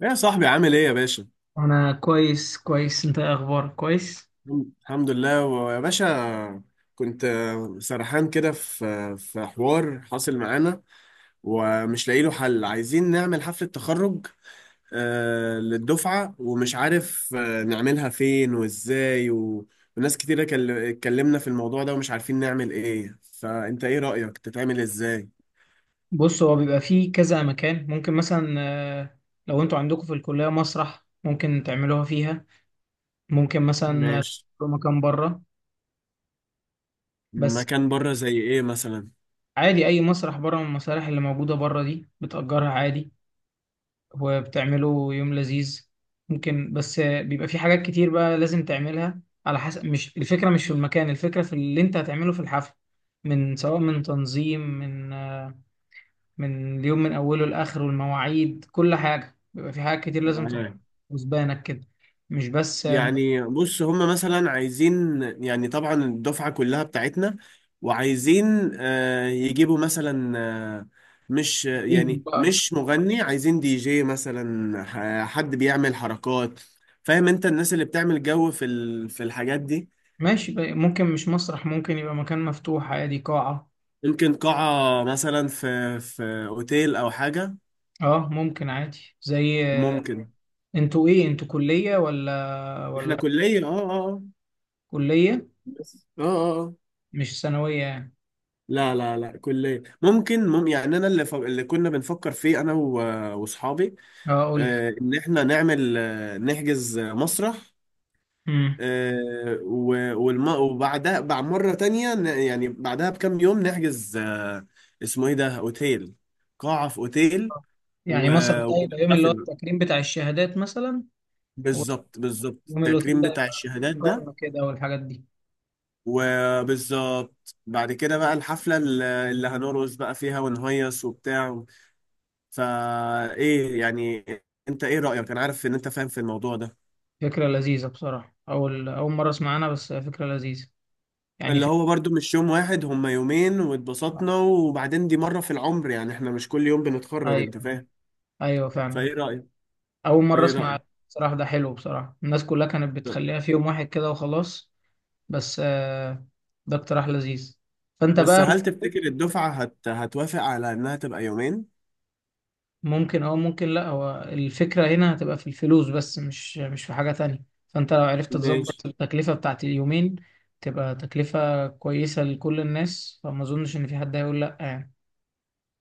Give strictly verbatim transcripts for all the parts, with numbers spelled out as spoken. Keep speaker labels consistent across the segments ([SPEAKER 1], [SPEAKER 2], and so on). [SPEAKER 1] يا صاحبي، عامل ايه يا باشا؟
[SPEAKER 2] انا كويس كويس انت إيه اخبارك كويس.
[SPEAKER 1] الحمد الحمد لله ويا باشا. كنت آه، سرحان كده في في حوار حاصل معانا ومش لاقي له حل. عايزين نعمل حفلة تخرج آه، للدفعة، ومش عارف آه، نعملها فين وازاي و- وناس كتيرة كل- اتكلمنا في الموضوع ده ومش عارفين نعمل ايه. فانت ايه رأيك تتعمل ازاي؟
[SPEAKER 2] بص هو بيبقى فيه كذا مكان. ممكن مثلا آه، لو انتوا عندكم في الكلية مسرح ممكن تعملوها فيها. ممكن مثلا آه،
[SPEAKER 1] ماشي.
[SPEAKER 2] تروحوا مكان بره. بس
[SPEAKER 1] مكان بره زي ايه مثلا؟
[SPEAKER 2] عادي اي مسرح بره من المسارح اللي موجودة بره دي بتأجرها عادي، وبتعملوا يوم لذيذ. ممكن بس آه، بيبقى فيه حاجات كتير بقى لازم تعملها على حسب. مش الفكرة مش في المكان، الفكرة في اللي انت هتعمله في الحفل، من سواء من تنظيم من آه، من اليوم من اوله لاخره، المواعيد، كل حاجه، بيبقى في حاجات كتير لازم تبقى
[SPEAKER 1] معاك.
[SPEAKER 2] وزبانك كده، مش بس
[SPEAKER 1] يعني بص، هم مثلا عايزين، يعني طبعا الدفعة كلها بتاعتنا، وعايزين آه، يجيبوا مثلا، آه، مش
[SPEAKER 2] مدربين
[SPEAKER 1] يعني
[SPEAKER 2] بقى.
[SPEAKER 1] مش مغني، عايزين دي جي مثلا، ح- حد بيعمل حركات. فاهم، انت الناس اللي بتعمل جو في ال- في الحاجات دي.
[SPEAKER 2] ماشي بقى. ممكن مش مسرح، ممكن يبقى مكان مفتوح عادي، قاعه.
[SPEAKER 1] ممكن قاعة مثلا في في اوتيل او حاجة.
[SPEAKER 2] اه ممكن عادي زي،
[SPEAKER 1] ممكن.
[SPEAKER 2] انتوا ايه، انتوا كليه ولا
[SPEAKER 1] احنا
[SPEAKER 2] ولا؟
[SPEAKER 1] كلية، اه اه آه.
[SPEAKER 2] كليه
[SPEAKER 1] بس اه اه آه.
[SPEAKER 2] مش ثانويه يعني؟
[SPEAKER 1] لا لا لا، كلية. ممكن مم يعني، انا اللي ف... اللي كنا بنفكر فيه انا و... واصحابي،
[SPEAKER 2] اه اقول لك.
[SPEAKER 1] آه ان احنا نعمل، آه نحجز مسرح،
[SPEAKER 2] امم
[SPEAKER 1] آه و... والم... وبعدها بعد مرة تانية ن... يعني بعدها بكام يوم نحجز، آه اسمه ايه ده، اوتيل، قاعة في اوتيل. و...
[SPEAKER 2] يعني مسرح ده يبقى يوم اللي هو
[SPEAKER 1] ونحتفل.
[SPEAKER 2] التكريم بتاع الشهادات مثلا،
[SPEAKER 1] بالظبط
[SPEAKER 2] واليوم
[SPEAKER 1] بالظبط،
[SPEAKER 2] اللي
[SPEAKER 1] التكريم
[SPEAKER 2] تبدا
[SPEAKER 1] بتاع
[SPEAKER 2] يبقى
[SPEAKER 1] الشهادات ده.
[SPEAKER 2] قمه كده والحاجات دي.
[SPEAKER 1] وبالظبط بعد كده بقى الحفلة اللي اللي هنرقص بقى فيها ونهيص وبتاع. فا ايه يعني؟ انت ايه رأيك؟ انا عارف ان انت فاهم في الموضوع ده.
[SPEAKER 2] فكرة لذيذة بصراحة، أول أول مرة أسمع عنها، بس فكرة لذيذة. يعني
[SPEAKER 1] اللي
[SPEAKER 2] في...
[SPEAKER 1] هو برضو مش يوم واحد، هما يومين واتبسطنا، وبعدين دي مرة في العمر، يعني احنا مش كل يوم بنتخرج، انت
[SPEAKER 2] أيوه،
[SPEAKER 1] فاهم؟
[SPEAKER 2] أيوه فعلا.
[SPEAKER 1] فايه رأيك؟
[SPEAKER 2] أول مرة
[SPEAKER 1] ايه
[SPEAKER 2] أسمع
[SPEAKER 1] رأيك؟
[SPEAKER 2] بصراحة. ده حلو بصراحة، الناس كلها كانت
[SPEAKER 1] لا.
[SPEAKER 2] بتخليها في يوم واحد كده وخلاص، بس آه، ده اقتراح لذيذ. فأنت
[SPEAKER 1] بس
[SPEAKER 2] بقى
[SPEAKER 1] هل تفتكر الدفعة هت... هتوافق على انها تبقى يومين؟
[SPEAKER 2] ممكن أو ممكن لأ. هو الفكرة هنا هتبقى في الفلوس بس، مش مش في حاجة تانية، فأنت لو عرفت
[SPEAKER 1] ماشي.
[SPEAKER 2] تظبط التكلفة بتاعت اليومين تبقى تكلفة كويسة لكل الناس، فما أظنش إن في حد هيقول لأ يعني.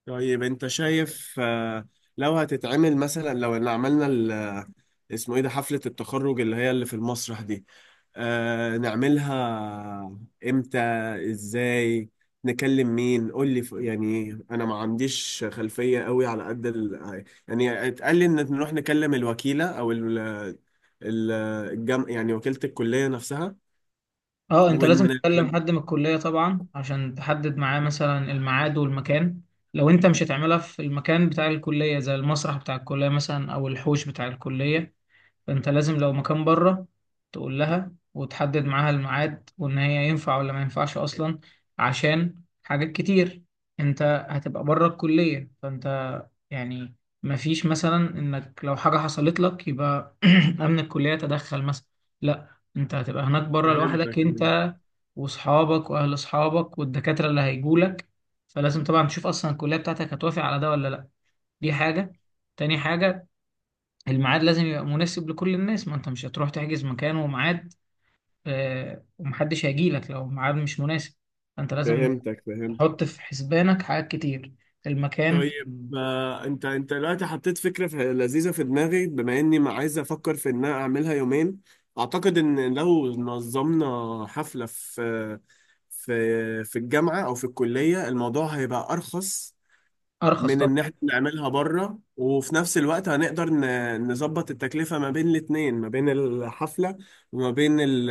[SPEAKER 1] طيب انت شايف، آه، لو هتتعمل مثلا، لو ان عملنا ال... اسمه ايه ده، حفلة التخرج اللي هي اللي في المسرح دي، آه نعملها امتى، ازاي، نكلم مين؟ قول لي، ف- يعني انا ما عنديش خلفية قوي على قد ال... يعني اتقال لي ان نروح نكلم الوكيلة او ال... ال- الجم... يعني وكيلة الكلية نفسها.
[SPEAKER 2] اه انت
[SPEAKER 1] ون...
[SPEAKER 2] لازم
[SPEAKER 1] ون...
[SPEAKER 2] تكلم حد من الكلية طبعا عشان تحدد معاه مثلا الميعاد والمكان. لو انت مش هتعملها في المكان بتاع الكلية زي المسرح بتاع الكلية مثلا او الحوش بتاع الكلية، فانت لازم لو مكان بره تقول لها وتحدد معاها الميعاد وان هي ينفع ولا ما ينفعش اصلا، عشان حاجات كتير. انت هتبقى بره الكلية فانت يعني ما فيش مثلا انك لو حاجة حصلت لك يبقى امن الكلية تدخل مثلا. لا انت هتبقى هناك بره لوحدك،
[SPEAKER 1] فهمتك،
[SPEAKER 2] انت واصحابك واهل اصحابك والدكاترة اللي هيجولك. فلازم طبعا تشوف اصلا الكلية بتاعتك هتوافق على ده ولا لا. دي حاجة. تاني حاجة، الميعاد لازم يبقى مناسب لكل الناس. ما انت مش هتروح تحجز مكان وميعاد آه، ومحدش هيجيلك لو الميعاد مش مناسب. فانت لازم
[SPEAKER 1] فهمتك، فهمتك.
[SPEAKER 2] تحط في حسبانك حاجات كتير. المكان
[SPEAKER 1] طيب آه، انت انت دلوقتي حطيت فكره في لذيذه في دماغي، بما اني ما عايز افكر في ان انا اعملها يومين. اعتقد ان لو نظمنا حفله في في في الجامعه او في الكليه، الموضوع هيبقى ارخص
[SPEAKER 2] ارخص
[SPEAKER 1] من
[SPEAKER 2] طبعا.
[SPEAKER 1] ان احنا نعملها بره. وفي نفس الوقت هنقدر ن- نظبط التكلفه ما بين الاتنين، ما بين الحفله وما بين ال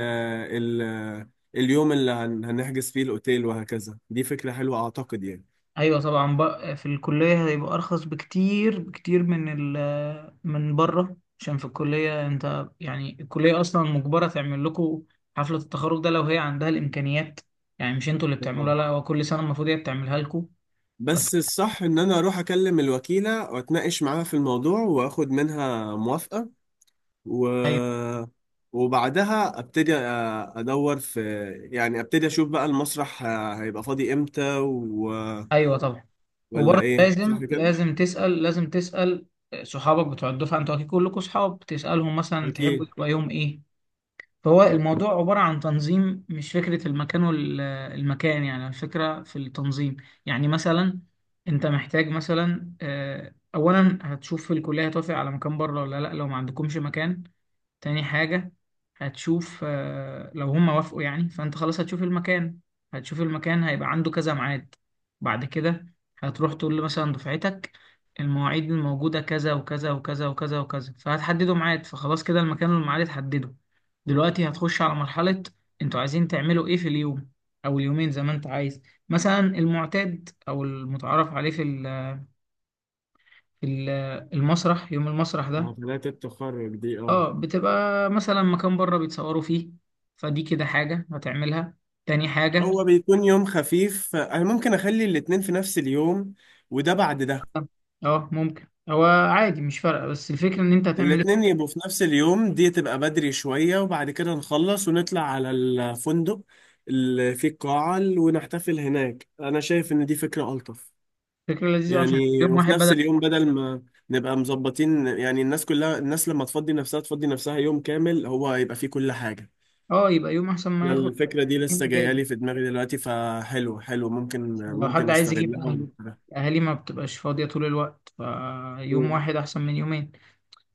[SPEAKER 1] ال اليوم اللي هن- هنحجز فيه الاوتيل وهكذا. دي فكره حلوه اعتقد.
[SPEAKER 2] ايوه طبعا بقى في الكلية هيبقى ارخص بكتير بكتير من ال من بره، عشان في الكلية انت يعني الكلية اصلا مجبرة تعمل لكم حفلة التخرج ده لو هي عندها الامكانيات. يعني مش انتوا اللي بتعملوها،
[SPEAKER 1] يعني
[SPEAKER 2] لا هو كل سنة المفروض هي بتعملها لكم. بس
[SPEAKER 1] بس الصح ان انا اروح اكلم الوكيلة واتناقش معاها في الموضوع واخد منها موافقة. و...
[SPEAKER 2] أيوة.
[SPEAKER 1] وبعدها ابتدي أ- ادور في، يعني ابتدي اشوف بقى المسرح ه- هيبقى فاضي امتى، و...
[SPEAKER 2] ايوه طبعا.
[SPEAKER 1] ولا
[SPEAKER 2] وبرضه
[SPEAKER 1] ايه؟ صح
[SPEAKER 2] لازم
[SPEAKER 1] كده؟
[SPEAKER 2] لازم تسال، لازم تسال صحابك بتوع الدفعه، انتوا اكيد كلكم صحاب، تسالهم مثلا تحبوا
[SPEAKER 1] أكيد.
[SPEAKER 2] تلاقيهم ايه. فهو الموضوع عباره عن تنظيم، مش فكره المكان والمكان، يعني الفكره في التنظيم. يعني مثلا انت محتاج مثلا آه، اولا هتشوف في الكليه هتوافق على مكان بره ولا لا، لو ما عندكمش مكان. تاني حاجة، هتشوف آه، لو هم وافقوا يعني فأنت خلاص هتشوف المكان. هتشوف المكان هيبقى عنده كذا ميعاد. بعد كده هتروح تقول له مثلا دفعتك المواعيد الموجودة كذا وكذا وكذا وكذا وكذا، فهتحددوا ميعاد، فخلاص كده المكان والميعاد اتحددوا. دلوقتي هتخش على مرحلة انتوا عايزين تعملوا ايه في اليوم أو اليومين زي ما انت عايز. مثلا المعتاد أو المتعارف عليه في ال- في ال- المسرح، يوم المسرح
[SPEAKER 1] اه،
[SPEAKER 2] ده
[SPEAKER 1] حفلات التخرج دي، اه.
[SPEAKER 2] اه بتبقى مثلا مكان بره بيتصوروا فيه. فدي كده حاجة هتعملها. تاني حاجة،
[SPEAKER 1] هو بيكون يوم خفيف. انا ممكن اخلي الاتنين في نفس اليوم، وده بعد ده.
[SPEAKER 2] اه ممكن هو عادي مش فارقة، بس الفكرة ان انت هتعمل ايه؟
[SPEAKER 1] الاتنين يبقوا في نفس اليوم، دي تبقى بدري شوية، وبعد كده نخلص ونطلع على الفندق اللي فيه القاعة ونحتفل هناك. أنا شايف إن دي فكرة ألطف.
[SPEAKER 2] فكرة لذيذة، عشان
[SPEAKER 1] يعني
[SPEAKER 2] يوم
[SPEAKER 1] وفي
[SPEAKER 2] واحد
[SPEAKER 1] نفس
[SPEAKER 2] بدل،
[SPEAKER 1] اليوم، بدل ما نبقى مظبطين يعني، الناس كلها، الناس لما تفضي نفسها تفضي نفسها يوم كامل هو يبقى فيه كل حاجة.
[SPEAKER 2] اه يبقى يوم احسن ما
[SPEAKER 1] يعني
[SPEAKER 2] ياخد
[SPEAKER 1] الفكرة دي لسه
[SPEAKER 2] يوم
[SPEAKER 1] جاية
[SPEAKER 2] اجازة،
[SPEAKER 1] لي في دماغي دلوقتي، فحلو حلو، ممكن
[SPEAKER 2] عشان لو حد
[SPEAKER 1] ممكن
[SPEAKER 2] عايز يجيب
[SPEAKER 1] استغلها
[SPEAKER 2] اهله،
[SPEAKER 1] وأعملها.
[SPEAKER 2] اهالي ما بتبقاش فاضية طول الوقت، فيوم واحد احسن من يومين.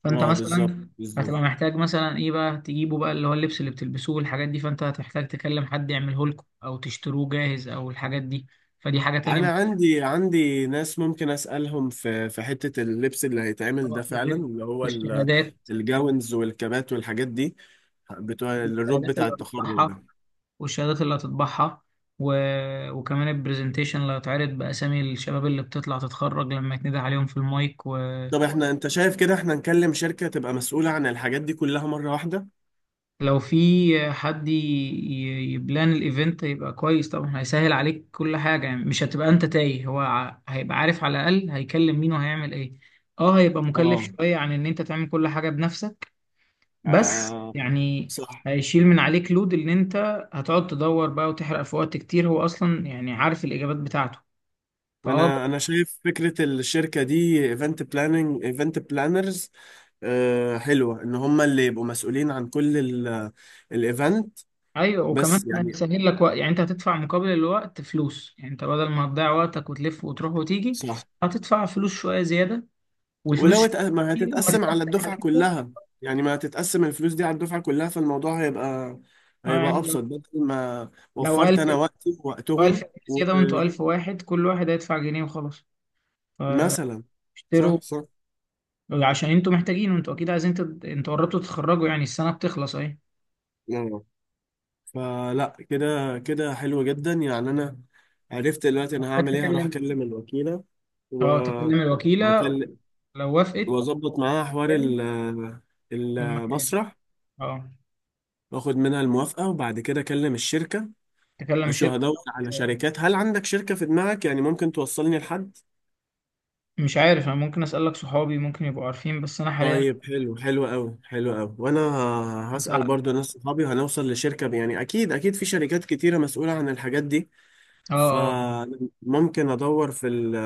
[SPEAKER 2] فانت
[SPEAKER 1] اه، بالظبط
[SPEAKER 2] مثلا
[SPEAKER 1] بالظبط.
[SPEAKER 2] هتبقى محتاج مثلا ايه بقى تجيبه بقى، اللي هو اللبس اللي بتلبسوه والحاجات دي، فانت هتحتاج تكلم حد يعمله لكم او تشتروه جاهز او الحاجات دي. فدي حاجة تانية،
[SPEAKER 1] انا عندي عندي ناس ممكن اسالهم في في حته اللبس اللي هيتعمل ده
[SPEAKER 2] آه،
[SPEAKER 1] فعلا،
[SPEAKER 2] غير
[SPEAKER 1] اللي هو ال-
[SPEAKER 2] الشهادات.
[SPEAKER 1] الجاونز والكبات والحاجات دي بتوع الروب
[SPEAKER 2] الشهادات
[SPEAKER 1] بتاع
[SPEAKER 2] اللي
[SPEAKER 1] التخرج
[SPEAKER 2] هتطبعها
[SPEAKER 1] ده.
[SPEAKER 2] والشهادات اللي هتطبعها، و... وكمان البرزنتيشن اللي هيتعرض بأسامي الشباب اللي بتطلع تتخرج لما يتندى عليهم في المايك، ولو
[SPEAKER 1] طب احنا، انت شايف كده احنا نكلم شركه تبقى مسؤوله عن الحاجات دي كلها مره واحده؟
[SPEAKER 2] في حد ي... ي- يبلان الايفنت هيبقى كويس طبعا، هيسهل عليك كل حاجة، يعني مش هتبقى انت تايه، هو ع- هيبقى عارف على الأقل هيكلم مين وهيعمل ايه. اه هيبقى مكلف
[SPEAKER 1] اه،
[SPEAKER 2] شوية عن ان انت تعمل كل حاجة بنفسك، بس
[SPEAKER 1] آه
[SPEAKER 2] يعني
[SPEAKER 1] صح.
[SPEAKER 2] هيشيل من عليك لود ان انت هتقعد تدور بقى وتحرق في وقت كتير، هو اصلا يعني عارف الاجابات بتاعته. فاه
[SPEAKER 1] انا انا شايف فكره الشركه دي، ايفنت بلاننج، ايفنت بلانرز، آه حلوه ان هم اللي يبقوا مسؤولين عن كل الايفنت.
[SPEAKER 2] ايوه،
[SPEAKER 1] بس
[SPEAKER 2] وكمان
[SPEAKER 1] يعني،
[SPEAKER 2] هيسهل لك وقت، يعني انت هتدفع مقابل الوقت فلوس، يعني انت بدل ما هتضيع وقتك وتلف وتروح وتيجي،
[SPEAKER 1] صح.
[SPEAKER 2] هتدفع فلوس شويه زياده،
[SPEAKER 1] ولو
[SPEAKER 2] والفلوس
[SPEAKER 1] اتق- ما
[SPEAKER 2] دي لما
[SPEAKER 1] هتتقسم على
[SPEAKER 2] تتقسم
[SPEAKER 1] الدفعة
[SPEAKER 2] عليكم
[SPEAKER 1] كلها، يعني ما هتتقسم الفلوس دي على الدفعة كلها، فالموضوع هيبقى
[SPEAKER 2] آه،
[SPEAKER 1] هيبقى
[SPEAKER 2] يعني لو
[SPEAKER 1] أبسط، بدل ما
[SPEAKER 2] لو
[SPEAKER 1] وفرت
[SPEAKER 2] ألف،
[SPEAKER 1] أنا وقتي
[SPEAKER 2] لو ألف
[SPEAKER 1] ووقتهم.
[SPEAKER 2] زياده وانتوا ألف واحد، كل واحد هيدفع جنيه وخلاص.
[SPEAKER 1] ومثلا
[SPEAKER 2] فاشتروا
[SPEAKER 1] صح صح
[SPEAKER 2] عشان انتوا محتاجين، وانتوا اكيد عايزين تد... انتوا قربتوا تتخرجوا، يعني السنه بتخلص اهي.
[SPEAKER 1] آه. فلا كده كده حلو جدا، يعني أنا عرفت دلوقتي أنا
[SPEAKER 2] محتاج
[SPEAKER 1] هعمل إيه. هروح
[SPEAKER 2] تكلم،
[SPEAKER 1] أكلم الوكيلة و
[SPEAKER 2] اه تكلم الوكيلة
[SPEAKER 1] وأكلم
[SPEAKER 2] لو وافقت،
[SPEAKER 1] وأظبط معاها حوار
[SPEAKER 2] تمام،
[SPEAKER 1] ال-
[SPEAKER 2] في المكان،
[SPEAKER 1] المسرح
[SPEAKER 2] اه
[SPEAKER 1] وآخد منها الموافقة، وبعد كده أكلم الشركة.
[SPEAKER 2] تكلم
[SPEAKER 1] شو،
[SPEAKER 2] شركة.
[SPEAKER 1] هدور على شركات. هل عندك شركة في دماغك يعني ممكن توصلني لحد؟
[SPEAKER 2] مش عارف، انا ممكن اسألك صحابي ممكن يبقوا عارفين، بس انا حاليا
[SPEAKER 1] طيب، حلو، حلو قوي حلو قوي، وانا ه- هسأل
[SPEAKER 2] مساعد.
[SPEAKER 1] برضو ناس صحابي وهنوصل لشركة، ب- يعني اكيد اكيد في شركات كتيرة مسؤولة عن الحاجات دي.
[SPEAKER 2] اه اه
[SPEAKER 1] فممكن ادور في ال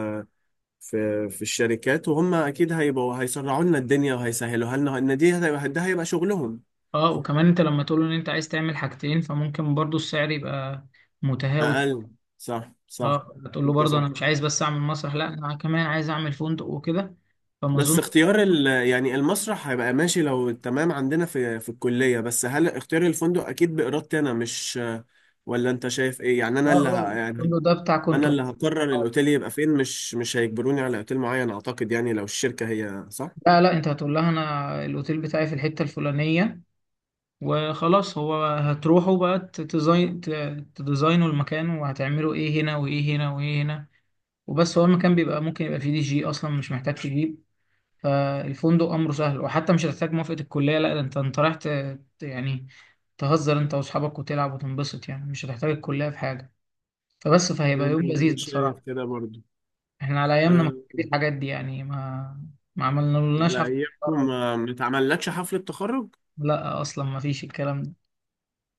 [SPEAKER 1] في في الشركات، وهم اكيد هيبقوا هيسرعوا لنا الدنيا وهيسهلوا لنا. ان دي هتبقى- ده هيبقى شغلهم.
[SPEAKER 2] اه. وكمان انت لما تقول له ان انت عايز تعمل حاجتين، فممكن برضو السعر يبقى متهاوت.
[SPEAKER 1] اقل، صح صح.
[SPEAKER 2] اه تقول له
[SPEAKER 1] انت
[SPEAKER 2] برضو
[SPEAKER 1] صح.
[SPEAKER 2] انا مش عايز بس اعمل مسرح، لا انا كمان عايز اعمل فندق وكده، فما اظن.
[SPEAKER 1] بس اختيار ال يعني المسرح هيبقى ماشي لو تمام عندنا في في الكلية. بس هل اختيار الفندق أكيد بإرادتي أنا، مش، ولا أنت شايف إيه؟ يعني
[SPEAKER 2] اه
[SPEAKER 1] أنا اللي
[SPEAKER 2] اه
[SPEAKER 1] ه... يعني
[SPEAKER 2] الفندق ده بتاع كنت،
[SPEAKER 1] أنا اللي هقرر الأوتيل يبقى فين، مش مش هيجبروني على أوتيل معين، أعتقد، يعني لو الشركة، هي صح؟
[SPEAKER 2] لا لا انت هتقول لها انا الاوتيل بتاعي في الحته الفلانيه وخلاص، هو هتروحوا بقى ت- تزاين ت- تديزاينوا المكان وهتعملوا ايه هنا وايه هنا وايه هنا وبس. هو المكان بيبقى ممكن يبقى فيه دي جي اصلا مش محتاج تجيب. فالفندق امره سهل، وحتى مش هتحتاج موافقة الكلية، لا ده انت انت رايح ت- ت- يعني تهزر انت واصحابك وتلعب وتنبسط، يعني مش هتحتاج الكلية في حاجة. فبس فهيبقى يوم
[SPEAKER 1] أنا
[SPEAKER 2] لذيذ
[SPEAKER 1] شايف
[SPEAKER 2] بصراحة.
[SPEAKER 1] كده برضو.
[SPEAKER 2] احنا على ايامنا ما
[SPEAKER 1] أه،
[SPEAKER 2] كانش فيه الحاجات دي، يعني ما ما عملنالناش
[SPEAKER 1] على
[SPEAKER 2] حفلة
[SPEAKER 1] أيامكم
[SPEAKER 2] تخرج.
[SPEAKER 1] ما ما اتعملتش حفلة تخرج؟
[SPEAKER 2] لا اصلا ما فيش الكلام ده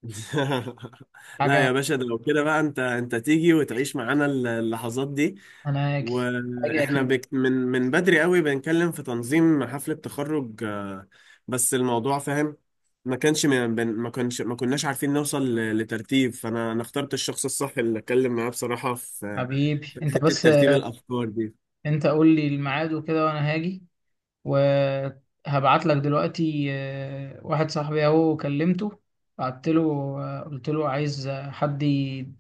[SPEAKER 1] لا
[SPEAKER 2] حاجة.
[SPEAKER 1] يا باشا، ده لو كده بقى انت انت تيجي وتعيش معانا اللحظات دي.
[SPEAKER 2] انا هاجي، هاجي
[SPEAKER 1] واحنا
[SPEAKER 2] اكيد،
[SPEAKER 1] بك من من بدري قوي بنتكلم في تنظيم حفلة تخرج آه، بس الموضوع فاهم. ما كانش من- بن- ما كانش ما كناش عارفين نوصل ل- لترتيب، فانا انا اخترت الشخص الصح اللي اتكلم معاه بصراحة في
[SPEAKER 2] حبيبي
[SPEAKER 1] في
[SPEAKER 2] انت
[SPEAKER 1] حتة
[SPEAKER 2] بس،
[SPEAKER 1] ترتيب الافكار دي.
[SPEAKER 2] انت قول لي الميعاد وكده وانا هاجي. وهبعت لك دلوقتي آه، واحد صاحبي اهو كلمته، بعت له آه، قلت له عايز آه، حد ي-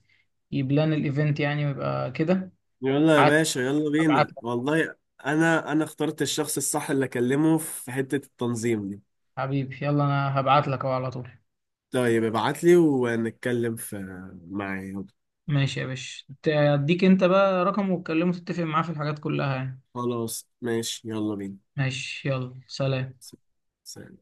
[SPEAKER 2] يبلان الايفنت يعني ويبقى كده.
[SPEAKER 1] يلا يا
[SPEAKER 2] بعت-
[SPEAKER 1] باشا، يلا
[SPEAKER 2] هبعت
[SPEAKER 1] بينا
[SPEAKER 2] لك،
[SPEAKER 1] والله. انا انا اخترت الشخص الصح اللي اكلمه في حتة التنظيم دي.
[SPEAKER 2] حبيبي يلا انا هبعت لك اهو على طول.
[SPEAKER 1] طيب ابعت لي ونتكلم في، معايا.
[SPEAKER 2] ماشي يا باشا، ت- اديك انت بقى رقم وتكلمه تتفق معاه في الحاجات كلها يعني.
[SPEAKER 1] خلاص، ماشي، يلا بينا.
[SPEAKER 2] ماشي يلا سلام.
[SPEAKER 1] س- سلام.